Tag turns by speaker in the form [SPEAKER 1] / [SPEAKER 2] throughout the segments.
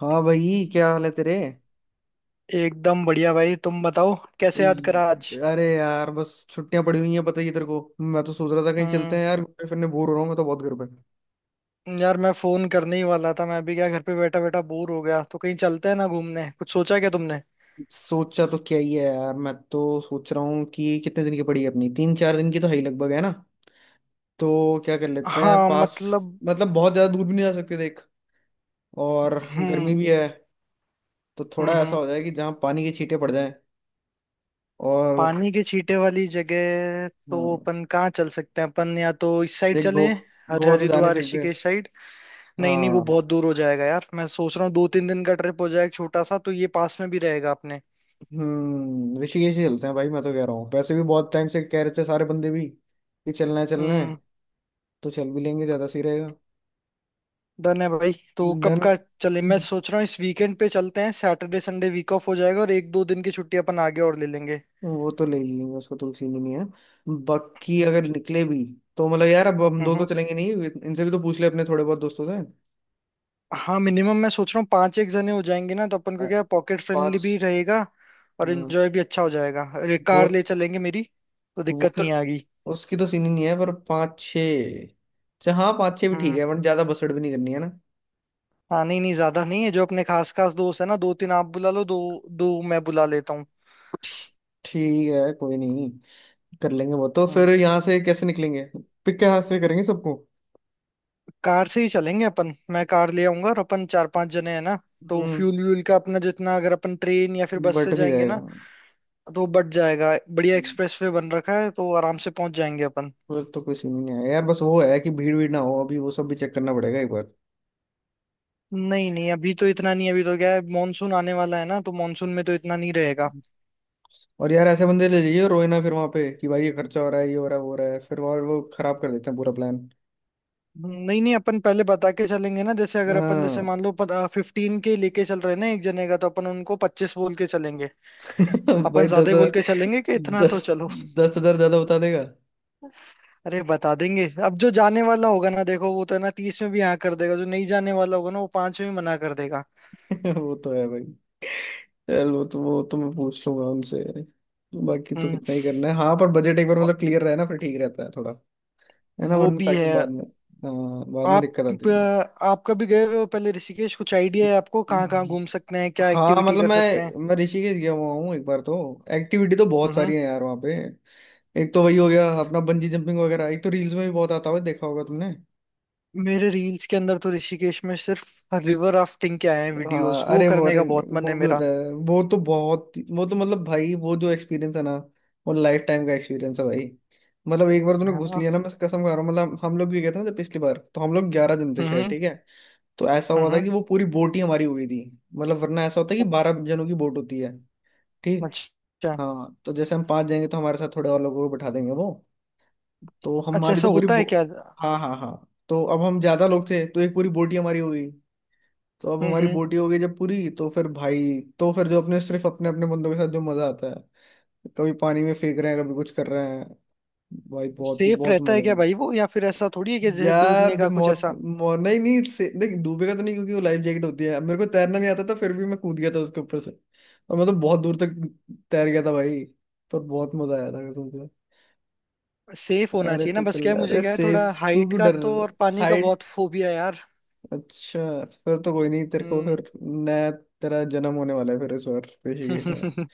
[SPEAKER 1] हाँ भाई, क्या हाल है तेरे।
[SPEAKER 2] एकदम बढ़िया भाई, तुम बताओ। कैसे याद करा आज?
[SPEAKER 1] अरे अरे यार, बस छुट्टियां पड़ी हुई हैं, पता ही है तेरे को। मैं तो सोच रहा था कहीं चलते
[SPEAKER 2] हम्म।
[SPEAKER 1] हैं यार, घूमने फिरने। बोर हो रहा हूँ मैं तो बहुत घर पे।
[SPEAKER 2] यार, मैं फोन करने ही वाला था। मैं भी क्या घर पे बैठा बैठा बोर हो गया, तो कहीं चलते हैं ना घूमने। कुछ सोचा क्या तुमने?
[SPEAKER 1] सोचा तो क्या ही है यार, मैं तो सोच रहा हूँ कि कितने दिन की पड़ी है अपनी। 3 4 दिन की तो है ही लगभग, है ना। तो क्या कर लेते हैं
[SPEAKER 2] हाँ,
[SPEAKER 1] पास।
[SPEAKER 2] मतलब।
[SPEAKER 1] मतलब बहुत ज्यादा दूर भी नहीं जा सकते, देख। और
[SPEAKER 2] हम्म
[SPEAKER 1] गर्मी भी है, तो थोड़ा ऐसा
[SPEAKER 2] हम्म।
[SPEAKER 1] हो जाए कि जहाँ पानी के छींटे पड़ जाएं। और
[SPEAKER 2] पानी के छींटे वाली जगह तो
[SPEAKER 1] हाँ,
[SPEAKER 2] अपन कहाँ चल सकते हैं? अपन या तो इस साइड
[SPEAKER 1] देख,
[SPEAKER 2] चले,
[SPEAKER 1] गो
[SPEAKER 2] हर
[SPEAKER 1] गोवा तो जा नहीं
[SPEAKER 2] हरिद्वार
[SPEAKER 1] सकते।
[SPEAKER 2] ऋषिकेश साइड। नहीं नहीं, वो
[SPEAKER 1] हाँ,
[SPEAKER 2] बहुत दूर हो जाएगा यार। मैं सोच रहा हूँ 2-3 दिन का ट्रिप हो जाए एक छोटा सा, तो ये पास में भी रहेगा अपने।
[SPEAKER 1] हम्म, ऋषिकेश ही चलते हैं भाई। मैं तो कह रहा हूँ, पैसे भी बहुत टाइम से कह रहे थे सारे बंदे भी कि चलना है चलना है,
[SPEAKER 2] हम्म।
[SPEAKER 1] तो चल भी लेंगे, ज्यादा सही रहेगा।
[SPEAKER 2] डन है भाई, तो कब
[SPEAKER 1] डन।
[SPEAKER 2] का चले? मैं सोच रहा हूँ इस वीकेंड पे चलते हैं। सैटरडे संडे वीक ऑफ हो जाएगा और 1-2 दिन की छुट्टी अपन आगे और ले लेंगे।
[SPEAKER 1] वो तो ले ही लेंगे, उसको तो सीन ही नहीं है। बाकी
[SPEAKER 2] हम्म।
[SPEAKER 1] अगर निकले भी, तो मतलब यार, अब हम दो तो
[SPEAKER 2] हम्म।
[SPEAKER 1] चलेंगे नहीं। इनसे भी तो पूछ ले अपने थोड़े बहुत दोस्तों से।
[SPEAKER 2] हाँ, मिनिमम मैं सोच रहा हूँ पांच एक जने हो जाएंगे ना, तो अपन
[SPEAKER 1] अ,
[SPEAKER 2] को क्या पॉकेट फ्रेंडली
[SPEAKER 1] पाँच।
[SPEAKER 2] भी रहेगा और
[SPEAKER 1] हाँ,
[SPEAKER 2] एंजॉय भी अच्छा हो जाएगा। अरे
[SPEAKER 1] वो
[SPEAKER 2] कार ले चलेंगे मेरी, तो
[SPEAKER 1] वो
[SPEAKER 2] दिक्कत
[SPEAKER 1] तो
[SPEAKER 2] नहीं आएगी।
[SPEAKER 1] उसकी तो सीन ही नहीं है। पर पाँच छः, अच्छा हाँ पाँच छः भी ठीक
[SPEAKER 2] हम्म।
[SPEAKER 1] है, बट ज्यादा बसड़ भी नहीं करनी है ना।
[SPEAKER 2] हाँ, नहीं नहीं ज्यादा नहीं है। जो अपने खास खास दोस्त है ना, दो तीन आप बुला लो, दो दो मैं बुला लेता हूँ।
[SPEAKER 1] ठीक है, कोई नहीं, कर लेंगे वो तो।
[SPEAKER 2] हम्म।
[SPEAKER 1] फिर यहाँ से कैसे निकलेंगे, पिक के हाथ से करेंगे सबको।
[SPEAKER 2] कार से ही चलेंगे अपन। मैं कार ले आऊंगा, और अपन 4-5 जने हैं ना, तो
[SPEAKER 1] हम्म।
[SPEAKER 2] फ्यूल व्यूल का अपना जितना, अगर अपन ट्रेन या फिर बस से
[SPEAKER 1] बट भी
[SPEAKER 2] जाएंगे ना,
[SPEAKER 1] जाएगा।
[SPEAKER 2] तो बच जाएगा। बढ़िया
[SPEAKER 1] हम्म,
[SPEAKER 2] एक्सप्रेस वे बन रखा है, तो आराम से पहुंच जाएंगे अपन।
[SPEAKER 1] फिर तो कोई सीन नहीं है यार। बस वो है कि भीड़ भीड़ ना हो, अभी वो सब भी चेक करना पड़ेगा एक बार।
[SPEAKER 2] नहीं नहीं, अभी तो इतना नहीं। अभी तो क्या है, मानसून आने वाला है ना, तो मानसून में तो इतना नहीं रहेगा।
[SPEAKER 1] और यार, ऐसे बंदे ले जाइए रोए ना फिर वहां पे कि भाई ये खर्चा हो रहा है, ये हो रहा है, वो हो रहा है, फिर और वो खराब कर देते हैं पूरा प्लान।
[SPEAKER 2] नहीं नहीं, अपन पहले बता के चलेंगे ना। जैसे अगर अपन, जैसे
[SPEAKER 1] हाँ।
[SPEAKER 2] मान लो 15 के लेके चल रहे हैं ना एक जने का, तो अपन उनको 25 बोल के चलेंगे।
[SPEAKER 1] भाई
[SPEAKER 2] अपन
[SPEAKER 1] दस
[SPEAKER 2] ज्यादा ही बोल
[SPEAKER 1] हजार
[SPEAKER 2] के चलेंगे कि इतना तो
[SPEAKER 1] दस
[SPEAKER 2] चलो।
[SPEAKER 1] दस हजार ज्यादा बता देगा।
[SPEAKER 2] अरे, बता देंगे। अब जो जाने वाला होगा ना, देखो वो तो है ना, 30 में भी हाँ कर देगा। जो नहीं जाने वाला होगा ना, वो पांच में भी मना कर देगा।
[SPEAKER 1] वो तो है भाई। चल, वो तो, वो तो मैं पूछ लूंगा उनसे। बाकी तो
[SPEAKER 2] हम्म।
[SPEAKER 1] कितना ही करना है, हाँ, पर बजट एक बार
[SPEAKER 2] अ-
[SPEAKER 1] मतलब क्लियर रहे ना, फिर ठीक रहता है थोड़ा। है ना,
[SPEAKER 2] वो
[SPEAKER 1] वरना
[SPEAKER 2] भी
[SPEAKER 1] ताकि
[SPEAKER 2] है।
[SPEAKER 1] बाद में। हाँ, बाद में
[SPEAKER 2] आप
[SPEAKER 1] दिक्कत आती है।
[SPEAKER 2] अ, आप कभी गए हुए हो पहले ऋषिकेश? कुछ आइडिया है आपको कहाँ कहाँ घूम सकते हैं, क्या
[SPEAKER 1] हाँ
[SPEAKER 2] एक्टिविटी
[SPEAKER 1] मतलब,
[SPEAKER 2] कर
[SPEAKER 1] मैं
[SPEAKER 2] सकते हैं?
[SPEAKER 1] मैं ऋषिकेश गया हुआ हूँ एक बार तो। एक्टिविटी तो बहुत
[SPEAKER 2] हम्म।
[SPEAKER 1] सारी है यार वहाँ पे। एक तो वही हो गया अपना बंजी जंपिंग वगैरह, एक तो रील्स में भी बहुत आता हुआ देखा होगा तुमने।
[SPEAKER 2] मेरे रील्स के अंदर तो ऋषिकेश में सिर्फ रिवर राफ्टिंग के आए हैं
[SPEAKER 1] हाँ,
[SPEAKER 2] वीडियोस। वो
[SPEAKER 1] अरे
[SPEAKER 2] करने का
[SPEAKER 1] वॉरेन
[SPEAKER 2] बहुत मन है
[SPEAKER 1] वो भी
[SPEAKER 2] मेरा।
[SPEAKER 1] होता है। वो तो बहुत, वो तो मतलब भाई, वो जो एक्सपीरियंस है ना, वो लाइफ टाइम का एक्सपीरियंस है भाई। मतलब एक बार तूने
[SPEAKER 2] है
[SPEAKER 1] घुस
[SPEAKER 2] ना।
[SPEAKER 1] लिया ना, मैं कसम खा रहा हूँ। मतलब हम लोग भी गए थे ना जब पिछली बार, तो हम लोग 11 जन थे शायद,
[SPEAKER 2] हम्म।
[SPEAKER 1] ठीक है। तो ऐसा हुआ था
[SPEAKER 2] हम्म।
[SPEAKER 1] कि वो पूरी बोट ही हमारी हो गई थी। मतलब वरना ऐसा होता है कि 12 जनों की बोट होती है। ठीक।
[SPEAKER 2] अच्छा।
[SPEAKER 1] हाँ, तो जैसे हम पांच जाएंगे, तो हमारे साथ थोड़े और लोगों को बैठा देंगे वो। तो
[SPEAKER 2] अच्छा,
[SPEAKER 1] हमारी
[SPEAKER 2] ऐसा
[SPEAKER 1] तो पूरी
[SPEAKER 2] होता
[SPEAKER 1] बो,
[SPEAKER 2] है क्या? हम्म।
[SPEAKER 1] हाँ हाँ हाँ, तो अब हम ज्यादा लोग थे तो एक पूरी बोट ही हमारी हो गई। तो अब हमारी
[SPEAKER 2] हम्म।
[SPEAKER 1] बोटी हो गई जब पूरी, तो फिर भाई, तो फिर जो अपने सिर्फ अपने अपने बंदों के साथ जो मजा आता है। कभी पानी में फेंक रहे हैं, कभी कुछ कर रहे हैं, भाई बहुत ही
[SPEAKER 2] सेफ
[SPEAKER 1] बहुत
[SPEAKER 2] रहता
[SPEAKER 1] मजा
[SPEAKER 2] है
[SPEAKER 1] है।
[SPEAKER 2] क्या भाई वो? या फिर ऐसा थोड़ी है कि जैसे डूबने
[SPEAKER 1] यार
[SPEAKER 2] का
[SPEAKER 1] जब
[SPEAKER 2] कुछ
[SPEAKER 1] मौत
[SPEAKER 2] ऐसा।
[SPEAKER 1] मौ, नहीं नहीं से, नहीं डूबेगा तो नहीं, क्योंकि वो लाइफ जैकेट होती है। अब मेरे को तैरना नहीं आता था, फिर भी मैं कूद गया था उसके ऊपर से। और मैं तो बहुत दूर तक तैर गया था भाई। पर बहुत मजा आया था कसम से।
[SPEAKER 2] सेफ होना
[SPEAKER 1] अरे
[SPEAKER 2] चाहिए ना
[SPEAKER 1] तू
[SPEAKER 2] बस।
[SPEAKER 1] चल,
[SPEAKER 2] क्या है, मुझे
[SPEAKER 1] अरे
[SPEAKER 2] क्या है थोड़ा,
[SPEAKER 1] सेफ, तू
[SPEAKER 2] हाइट
[SPEAKER 1] क्यों
[SPEAKER 2] का
[SPEAKER 1] डर।
[SPEAKER 2] तो और पानी का
[SPEAKER 1] हाइट।
[SPEAKER 2] बहुत फोबिया है यार।
[SPEAKER 1] अच्छा, फिर तो कोई नहीं, तेरे को
[SPEAKER 2] हम्म।
[SPEAKER 1] फिर नया तेरा जन्म होने वाला है फिर इस बार ऋषिकेश।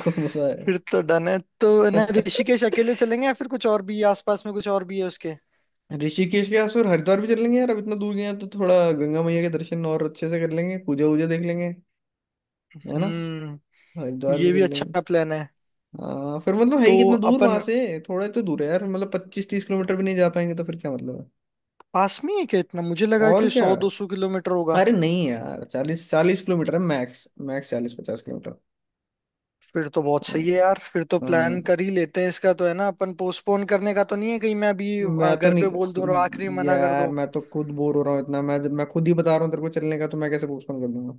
[SPEAKER 1] कौन सा
[SPEAKER 2] फिर तो डन है। तो है
[SPEAKER 1] है।
[SPEAKER 2] ना ऋषिकेश अकेले चलेंगे, या फिर कुछ और भी है? आसपास में कुछ और भी है उसके?
[SPEAKER 1] ऋषिकेश के आसपास हरिद्वार भी चलेंगे यार। अब इतना दूर गए हैं तो थोड़ा गंगा मैया के दर्शन और अच्छे से कर लेंगे, पूजा वूजा देख लेंगे, है ना।
[SPEAKER 2] हम्म।
[SPEAKER 1] हरिद्वार भी
[SPEAKER 2] ये भी
[SPEAKER 1] चल लेंगे।
[SPEAKER 2] अच्छा प्लान है।
[SPEAKER 1] हाँ, फिर मतलब है
[SPEAKER 2] तो
[SPEAKER 1] ही कितना दूर
[SPEAKER 2] अपन,
[SPEAKER 1] वहां से। थोड़ा ही तो दूर है यार, मतलब 25 30 किलोमीटर भी नहीं। जा पाएंगे तो फिर क्या मतलब है।
[SPEAKER 2] पास में ही है क्या इतना? मुझे लगा
[SPEAKER 1] और
[SPEAKER 2] कि
[SPEAKER 1] क्या,
[SPEAKER 2] 100-200 किलोमीटर होगा।
[SPEAKER 1] अरे नहीं यार, 40 40 किलोमीटर है मैक्स मैक्स, 40 50 किलोमीटर।
[SPEAKER 2] फिर तो बहुत सही है यार। फिर तो
[SPEAKER 1] हाँ,
[SPEAKER 2] प्लान कर ही लेते हैं इसका। तो है ना अपन, पोस्टपोन करने का तो नहीं है कहीं मैं अभी?
[SPEAKER 1] मैं तो
[SPEAKER 2] घर पे बोल दूं और आखिरी में
[SPEAKER 1] नहीं
[SPEAKER 2] मना कर
[SPEAKER 1] यार,
[SPEAKER 2] दो।
[SPEAKER 1] मैं तो खुद बोर हो रहा हूँ इतना। मैं खुद ही बता रहा हूँ तेरे को चलने का, तो मैं कैसे पोस्टपोन कर दूंगा।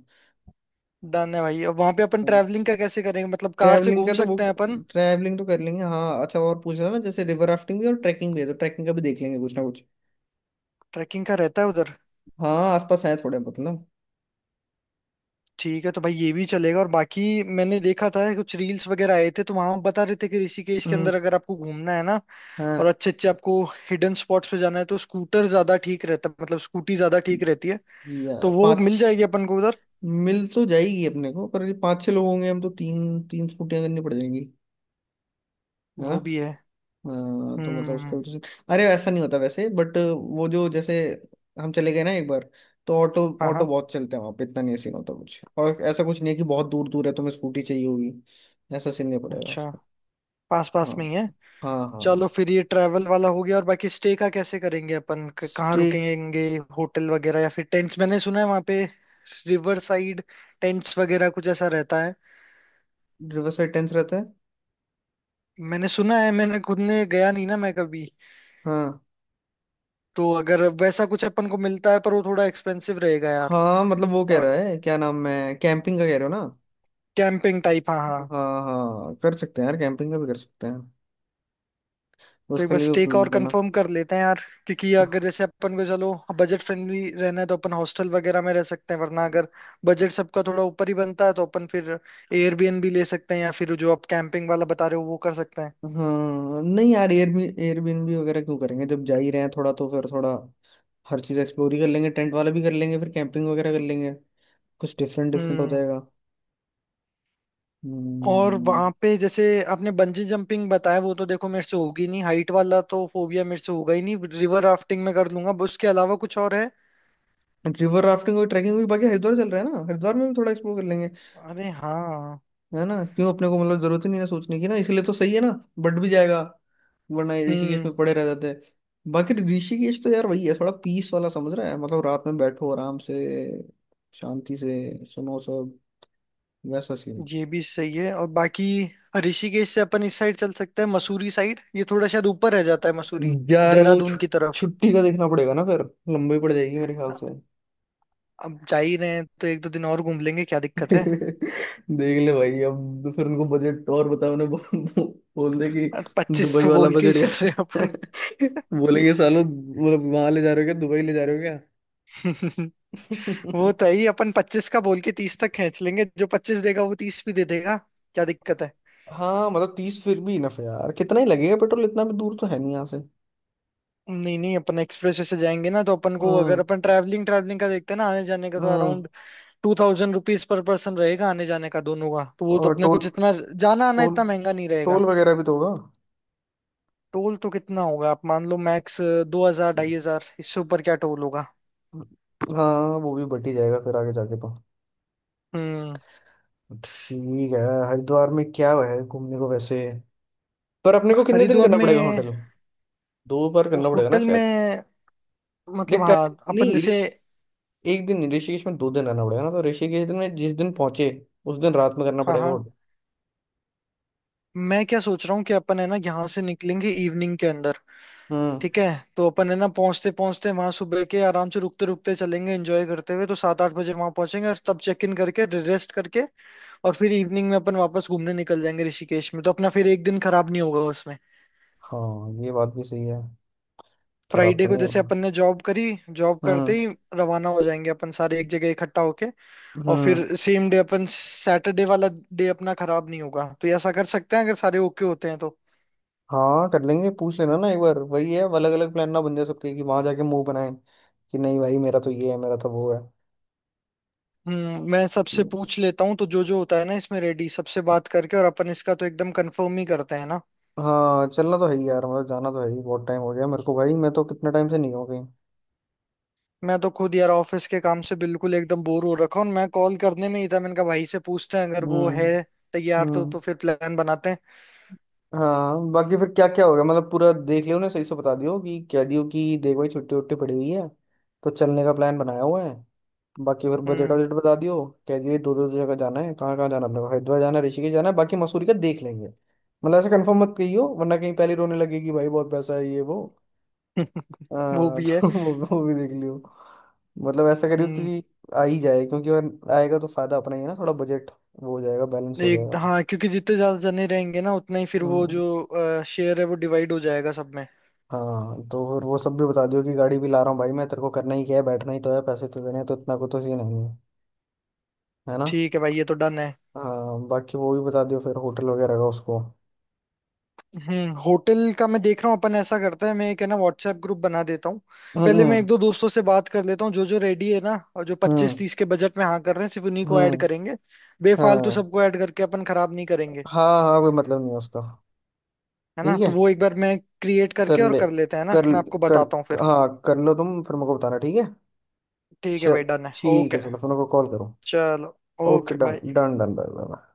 [SPEAKER 2] डन है भाई। अब वहां पे अपन ट्रैवलिंग का कैसे करेंगे? मतलब कार से
[SPEAKER 1] ट्रैवलिंग
[SPEAKER 2] घूम
[SPEAKER 1] का तो वो,
[SPEAKER 2] सकते हैं अपन?
[SPEAKER 1] ट्रैवलिंग तो कर लेंगे। हाँ अच्छा, और पूछ रहा ना, जैसे रिवर राफ्टिंग भी और ट्रैकिंग भी है, तो ट्रैकिंग का भी देख लेंगे कुछ ना कुछ।
[SPEAKER 2] ट्रैकिंग का रहता है उधर?
[SPEAKER 1] हाँ आसपास है थोड़े मतलब।
[SPEAKER 2] ठीक है, तो भाई ये भी चलेगा। और बाकी, मैंने देखा था कुछ रील्स वगैरह आए थे, तो वहां बता रहे थे कि ऋषिकेश के
[SPEAKER 1] हम्म।
[SPEAKER 2] अंदर अगर आपको घूमना है ना और
[SPEAKER 1] हाँ।
[SPEAKER 2] अच्छे अच्छे आपको हिडन स्पॉट्स पे जाना है, तो स्कूटर ज्यादा ठीक रहता है, मतलब स्कूटी ज्यादा ठीक रहती है।
[SPEAKER 1] या
[SPEAKER 2] तो वो
[SPEAKER 1] पाँच,
[SPEAKER 2] मिल जाएगी अपन को उधर।
[SPEAKER 1] मिल तो जाएगी अपने को, पर ये पाँच छह लोग होंगे हम, तो तीन तीन स्कूटियाँ करनी पड़ जाएंगी, है ना।
[SPEAKER 2] वो भी है।
[SPEAKER 1] हाँ, तो मतलब
[SPEAKER 2] हम्म।
[SPEAKER 1] उसका भी तो। अरे वैसा नहीं होता, वैसे बट वो जो, जैसे हम चले गए ना एक बार, तो ऑटो
[SPEAKER 2] हाँ
[SPEAKER 1] ऑटो
[SPEAKER 2] हाँ।
[SPEAKER 1] बहुत चलते हैं वहाँ पे, इतना नहीं सीन होता कुछ। और ऐसा कुछ नहीं है कि बहुत दूर दूर है तुम्हें स्कूटी चाहिए होगी। ऐसा सीन नहीं पड़ेगा
[SPEAKER 2] अच्छा,
[SPEAKER 1] उसका।
[SPEAKER 2] पास पास
[SPEAKER 1] हाँ।
[SPEAKER 2] में ही है।
[SPEAKER 1] हाँ
[SPEAKER 2] चलो,
[SPEAKER 1] हाँ।
[SPEAKER 2] फिर ये ट्रैवल वाला हो गया। और बाकी स्टे का कैसे करेंगे अपन? कहाँ
[SPEAKER 1] स्टेट।
[SPEAKER 2] रुकेंगे? होटल वगैरह या फिर टेंट्स? मैंने सुना है वहाँ पे रिवर साइड टेंट्स वगैरह कुछ ऐसा रहता है।
[SPEAKER 1] रिवर साइड टेंस रहता है।
[SPEAKER 2] मैंने सुना है, मैंने खुद ने गया नहीं ना मैं कभी।
[SPEAKER 1] हाँ
[SPEAKER 2] तो अगर वैसा कुछ अपन को मिलता है, पर वो थोड़ा एक्सपेंसिव रहेगा यार।
[SPEAKER 1] हाँ मतलब वो कह
[SPEAKER 2] और
[SPEAKER 1] रहा है, क्या नाम है कैंपिंग का, कह रहे हो ना।
[SPEAKER 2] कैंपिंग टाइप, हाँ हाँ।
[SPEAKER 1] हाँ हाँ, कर सकते हैं यार, कैंपिंग का भी कर सकते हैं।
[SPEAKER 2] तो एक
[SPEAKER 1] उसके
[SPEAKER 2] बार
[SPEAKER 1] लिए
[SPEAKER 2] स्टे
[SPEAKER 1] भी
[SPEAKER 2] का और
[SPEAKER 1] बना।
[SPEAKER 2] कंफर्म कर लेते हैं यार। क्योंकि अगर
[SPEAKER 1] हाँ
[SPEAKER 2] जैसे अपन को, चलो, बजट फ्रेंडली रहना है, तो अपन हॉस्टल वगैरह में रह सकते हैं। वरना अगर बजट सबका थोड़ा ऊपर ही बनता है, तो अपन फिर एयरबीएनबी ले सकते हैं, या फिर जो आप कैंपिंग वाला बता रहे हो वो कर सकते हैं।
[SPEAKER 1] नहीं यार, एयरबीएनबी वगैरह क्यों करेंगे, जब जा ही रहे हैं थोड़ा, तो फिर थोड़ा हर चीज़ एक्सप्लोर ही कर लेंगे। टेंट वाला भी कर लेंगे, फिर कैंपिंग वगैरह कर लेंगे, कुछ डिफरेंट डिफरेंट हो
[SPEAKER 2] हम्म।
[SPEAKER 1] जाएगा।
[SPEAKER 2] और
[SPEAKER 1] हम्म।
[SPEAKER 2] वहां पे जैसे आपने बंजी जंपिंग बताया, वो तो देखो मेरे से होगी नहीं। हाइट वाला तो फोबिया मेरे से होगा ही नहीं। रिवर राफ्टिंग में कर लूंगा। उसके अलावा कुछ और है?
[SPEAKER 1] रिवर राफ्टिंग और ट्रैकिंग भी, बाकी हरिद्वार चल रहा है ना, हरिद्वार में भी थोड़ा एक्सप्लोर कर लेंगे।
[SPEAKER 2] अरे हाँ।
[SPEAKER 1] है ना, क्यों अपने को मतलब जरूरत ही नहीं है सोचने की ना, इसलिए तो सही है ना, बढ़ भी जाएगा, वरना ये ऋषिकेश
[SPEAKER 2] हम्म।
[SPEAKER 1] में पड़े रह जाते हैं। बाकी ऋषिकेश तो यार वही है, थोड़ा पीस वाला, समझ रहा है। मतलब रात में बैठो आराम से, शांति से सुनो सब, वैसा सीन।
[SPEAKER 2] ये भी सही है। और बाकी ऋषिकेश से अपन इस साइड चल सकते हैं, मसूरी साइड? ये थोड़ा शायद ऊपर रह जाता है मसूरी,
[SPEAKER 1] यार वो
[SPEAKER 2] देहरादून की तरफ।
[SPEAKER 1] छुट्टी का देखना पड़ेगा ना फिर, लंबी पड़ जाएगी मेरे ख्याल
[SPEAKER 2] अ-
[SPEAKER 1] से।
[SPEAKER 2] अब जा ही रहे हैं तो 1-2 दिन और घूम लेंगे, क्या दिक्कत है?
[SPEAKER 1] देख ले भाई, अब तो फिर उनको बजट और बताओ उन्हें, बोल दे कि
[SPEAKER 2] पच्चीस
[SPEAKER 1] दुबई
[SPEAKER 2] तो
[SPEAKER 1] वाला
[SPEAKER 2] बोल के ही
[SPEAKER 1] बजट
[SPEAKER 2] चल रहे हैं
[SPEAKER 1] का।
[SPEAKER 2] अपन।
[SPEAKER 1] बोलेंगे सालों, मतलब वहां ले जा रहे हो, क्या दुबई ले जा रहे हो।
[SPEAKER 2] वो तो है ही। अपन 25 का बोल के 30 तक खींच लेंगे। जो 25 देगा वो 30 भी दे देगा। क्या दिक्कत है?
[SPEAKER 1] हाँ मतलब 30 फिर भी इनफ है यार, कितना ही लगेगा पेट्रोल, इतना भी दूर तो है नहीं यहाँ से।
[SPEAKER 2] नहीं नहीं, अपन एक्सप्रेस वे से जाएंगे ना, तो अपन को, अगर
[SPEAKER 1] हम्म।
[SPEAKER 2] अपन ट्रैवलिंग ट्रैवलिंग का देखते हैं ना, आने जाने का, तो
[SPEAKER 1] हम्म।
[SPEAKER 2] अराउंड 2000 rupees पर पर्सन रहेगा, आने जाने का दोनों का। तो वो तो
[SPEAKER 1] और
[SPEAKER 2] अपने को
[SPEAKER 1] टोल,
[SPEAKER 2] जितना जाना आना,
[SPEAKER 1] टोल,
[SPEAKER 2] इतना महंगा नहीं रहेगा।
[SPEAKER 1] टोल वगैरह भी तो होगा।
[SPEAKER 2] टोल तो कितना होगा? आप मान लो मैक्स 2000 2500, इससे ऊपर क्या टोल होगा?
[SPEAKER 1] हाँ, वो भी बट ही जाएगा फिर आगे जाके तो।
[SPEAKER 2] हम्म।
[SPEAKER 1] ठीक है। हरिद्वार में क्या है घूमने को वैसे। पर अपने को कितने दिन
[SPEAKER 2] हरिद्वार
[SPEAKER 1] करना
[SPEAKER 2] में?
[SPEAKER 1] पड़ेगा होटल, दो बार करना पड़ेगा ना
[SPEAKER 2] होटल में,
[SPEAKER 1] शायद। देख
[SPEAKER 2] मतलब हाँ
[SPEAKER 1] पहले
[SPEAKER 2] अपन
[SPEAKER 1] नहीं,
[SPEAKER 2] जैसे।
[SPEAKER 1] ऋषि एक दिन, ऋषिकेश में दो दिन रहना पड़ेगा ना। तो ऋषिकेश में जिस दिन पहुंचे, उस दिन रात में करना
[SPEAKER 2] हाँ
[SPEAKER 1] पड़ेगा
[SPEAKER 2] हाँ।
[SPEAKER 1] होटल।
[SPEAKER 2] मैं क्या सोच रहा हूँ कि अपन है ना यहाँ से निकलेंगे इवनिंग के अंदर,
[SPEAKER 1] हम्म।
[SPEAKER 2] ठीक है? तो अपन है ना, पहुंचते पहुंचते वहां सुबह के, आराम से रुकते रुकते चलेंगे, एंजॉय करते हुए, तो 7-8 बजे वहां पहुंचेंगे और तब चेक इन करके रेस्ट करके, और फिर इवनिंग में अपन वापस घूमने निकल जाएंगे ऋषिकेश में। तो अपना फिर एक दिन खराब नहीं होगा उसमें।
[SPEAKER 1] हाँ, ये बात भी सही है। खराब
[SPEAKER 2] फ्राइडे
[SPEAKER 1] तो
[SPEAKER 2] को
[SPEAKER 1] नहीं
[SPEAKER 2] जैसे
[SPEAKER 1] होगा।
[SPEAKER 2] अपन ने जॉब करी, जॉब करते
[SPEAKER 1] हम्म।
[SPEAKER 2] ही रवाना हो जाएंगे अपन सारे एक जगह इकट्ठा होके। और
[SPEAKER 1] हम्म।
[SPEAKER 2] फिर सेम डे अपन सैटरडे वाला डे अपना खराब नहीं होगा। तो ऐसा कर सकते हैं, अगर सारे ओके होते हैं तो।
[SPEAKER 1] हाँ, कर लेंगे पूछ लेना ना एक बार। वही है, अलग अलग प्लान ना बन जाए सबके, कि वहां जाके मुंह बनाए कि नहीं भाई, मेरा तो ये है, मेरा तो वो है।
[SPEAKER 2] हम्म, मैं सबसे पूछ लेता हूँ। तो जो जो होता है ना इसमें रेडी, सबसे बात करके, और अपन इसका तो एकदम कंफर्म ही करते हैं ना।
[SPEAKER 1] हाँ चलना तो है ही यार, मतलब जाना तो है ही, बहुत टाइम हो गया मेरे को भाई, मैं तो कितने टाइम से नहीं हूँ कहीं।
[SPEAKER 2] मैं तो खुद यार ऑफिस के काम से बिल्कुल एकदम बोर हो रखा हूँ। मैं कॉल करने में ही था, मैंने कहा भाई से पूछते हैं, अगर वो
[SPEAKER 1] हम्म।
[SPEAKER 2] है तैयार तो
[SPEAKER 1] हम्म।
[SPEAKER 2] तो फिर प्लान बनाते हैं।
[SPEAKER 1] हाँ बाकी फिर क्या क्या होगा, मतलब पूरा देख लियो ना, सही से बता दियो कि कह दियो कि देख भाई, छुट्टी वुट्टी पड़ी हुई है, तो चलने का प्लान बनाया हुआ है। बाकी फिर बजट
[SPEAKER 2] हम्म।
[SPEAKER 1] वजट बता दियो, कह दियो दो दो जगह जाना है, कहाँ कहाँ जाना है, अपने को हरिद्वार जाना है, ऋषिकेश जाना है, बाकी मसूरी का देख लेंगे। मतलब ऐसा कंफर्म मत कहियो, वरना कहीं पहले रोने लगेगी भाई, बहुत पैसा है, ये वो।
[SPEAKER 2] वो
[SPEAKER 1] हाँ।
[SPEAKER 2] भी है।
[SPEAKER 1] तो वो भी देख लियो। मतलब ऐसा करियो
[SPEAKER 2] हम्म।
[SPEAKER 1] कि आ ही जाए, क्योंकि अगर आएगा तो फायदा अपना ही है ना, थोड़ा बजट वो हो जाएगा, बैलेंस हो
[SPEAKER 2] एक,
[SPEAKER 1] जाएगा।
[SPEAKER 2] हाँ, क्योंकि जितने ज्यादा जने रहेंगे ना, उतना ही फिर वो
[SPEAKER 1] हम्म,
[SPEAKER 2] जो शेयर है वो डिवाइड हो जाएगा सब में।
[SPEAKER 1] हाँ तो फिर वो सब भी बता दियो कि गाड़ी भी ला रहा हूँ भाई, मैं तेरे को करना ही क्या है, बैठना ही तो है, पैसे तो देने हैं, तो इतना को तो सीन नहीं है, है ना।
[SPEAKER 2] ठीक है भाई, ये तो डन है।
[SPEAKER 1] हाँ बाकी वो भी बता दियो फिर होटल वगैरह का उसको।
[SPEAKER 2] हम्म, होटल का मैं देख रहा हूँ। अपन ऐसा करते हैं, मैं एक है ना व्हाट्सएप ग्रुप बना देता हूँ। पहले मैं एक
[SPEAKER 1] हम्म।
[SPEAKER 2] दो दोस्तों से बात कर लेता हूँ, जो जो रेडी है ना और जो पच्चीस
[SPEAKER 1] हम्म।
[SPEAKER 2] तीस के बजट में हाँ कर रहे हैं, सिर्फ उन्हीं को ऐड
[SPEAKER 1] हम्म।
[SPEAKER 2] करेंगे। बेफालतू
[SPEAKER 1] हाँ
[SPEAKER 2] सबको ऐड करके अपन खराब नहीं करेंगे।
[SPEAKER 1] हाँ, हाँ कोई मतलब नहीं है उसका।
[SPEAKER 2] है ना?
[SPEAKER 1] ठीक है,
[SPEAKER 2] तो वो एक बार मैं क्रिएट
[SPEAKER 1] कर
[SPEAKER 2] करके और
[SPEAKER 1] ले,
[SPEAKER 2] कर लेते हैं ना,
[SPEAKER 1] कर
[SPEAKER 2] मैं आपको
[SPEAKER 1] कर
[SPEAKER 2] बताता हूँ फिर।
[SPEAKER 1] हाँ कर लो तुम, फिर मेरे को बताना, ठीक है।
[SPEAKER 2] ठीक है
[SPEAKER 1] च-
[SPEAKER 2] भाई, डन है,
[SPEAKER 1] ठीक
[SPEAKER 2] ओके।
[SPEAKER 1] है, चलो फिर मेरे को कॉल करो।
[SPEAKER 2] चलो,
[SPEAKER 1] okay,
[SPEAKER 2] okay,
[SPEAKER 1] done
[SPEAKER 2] bye.
[SPEAKER 1] Done done, bye bye.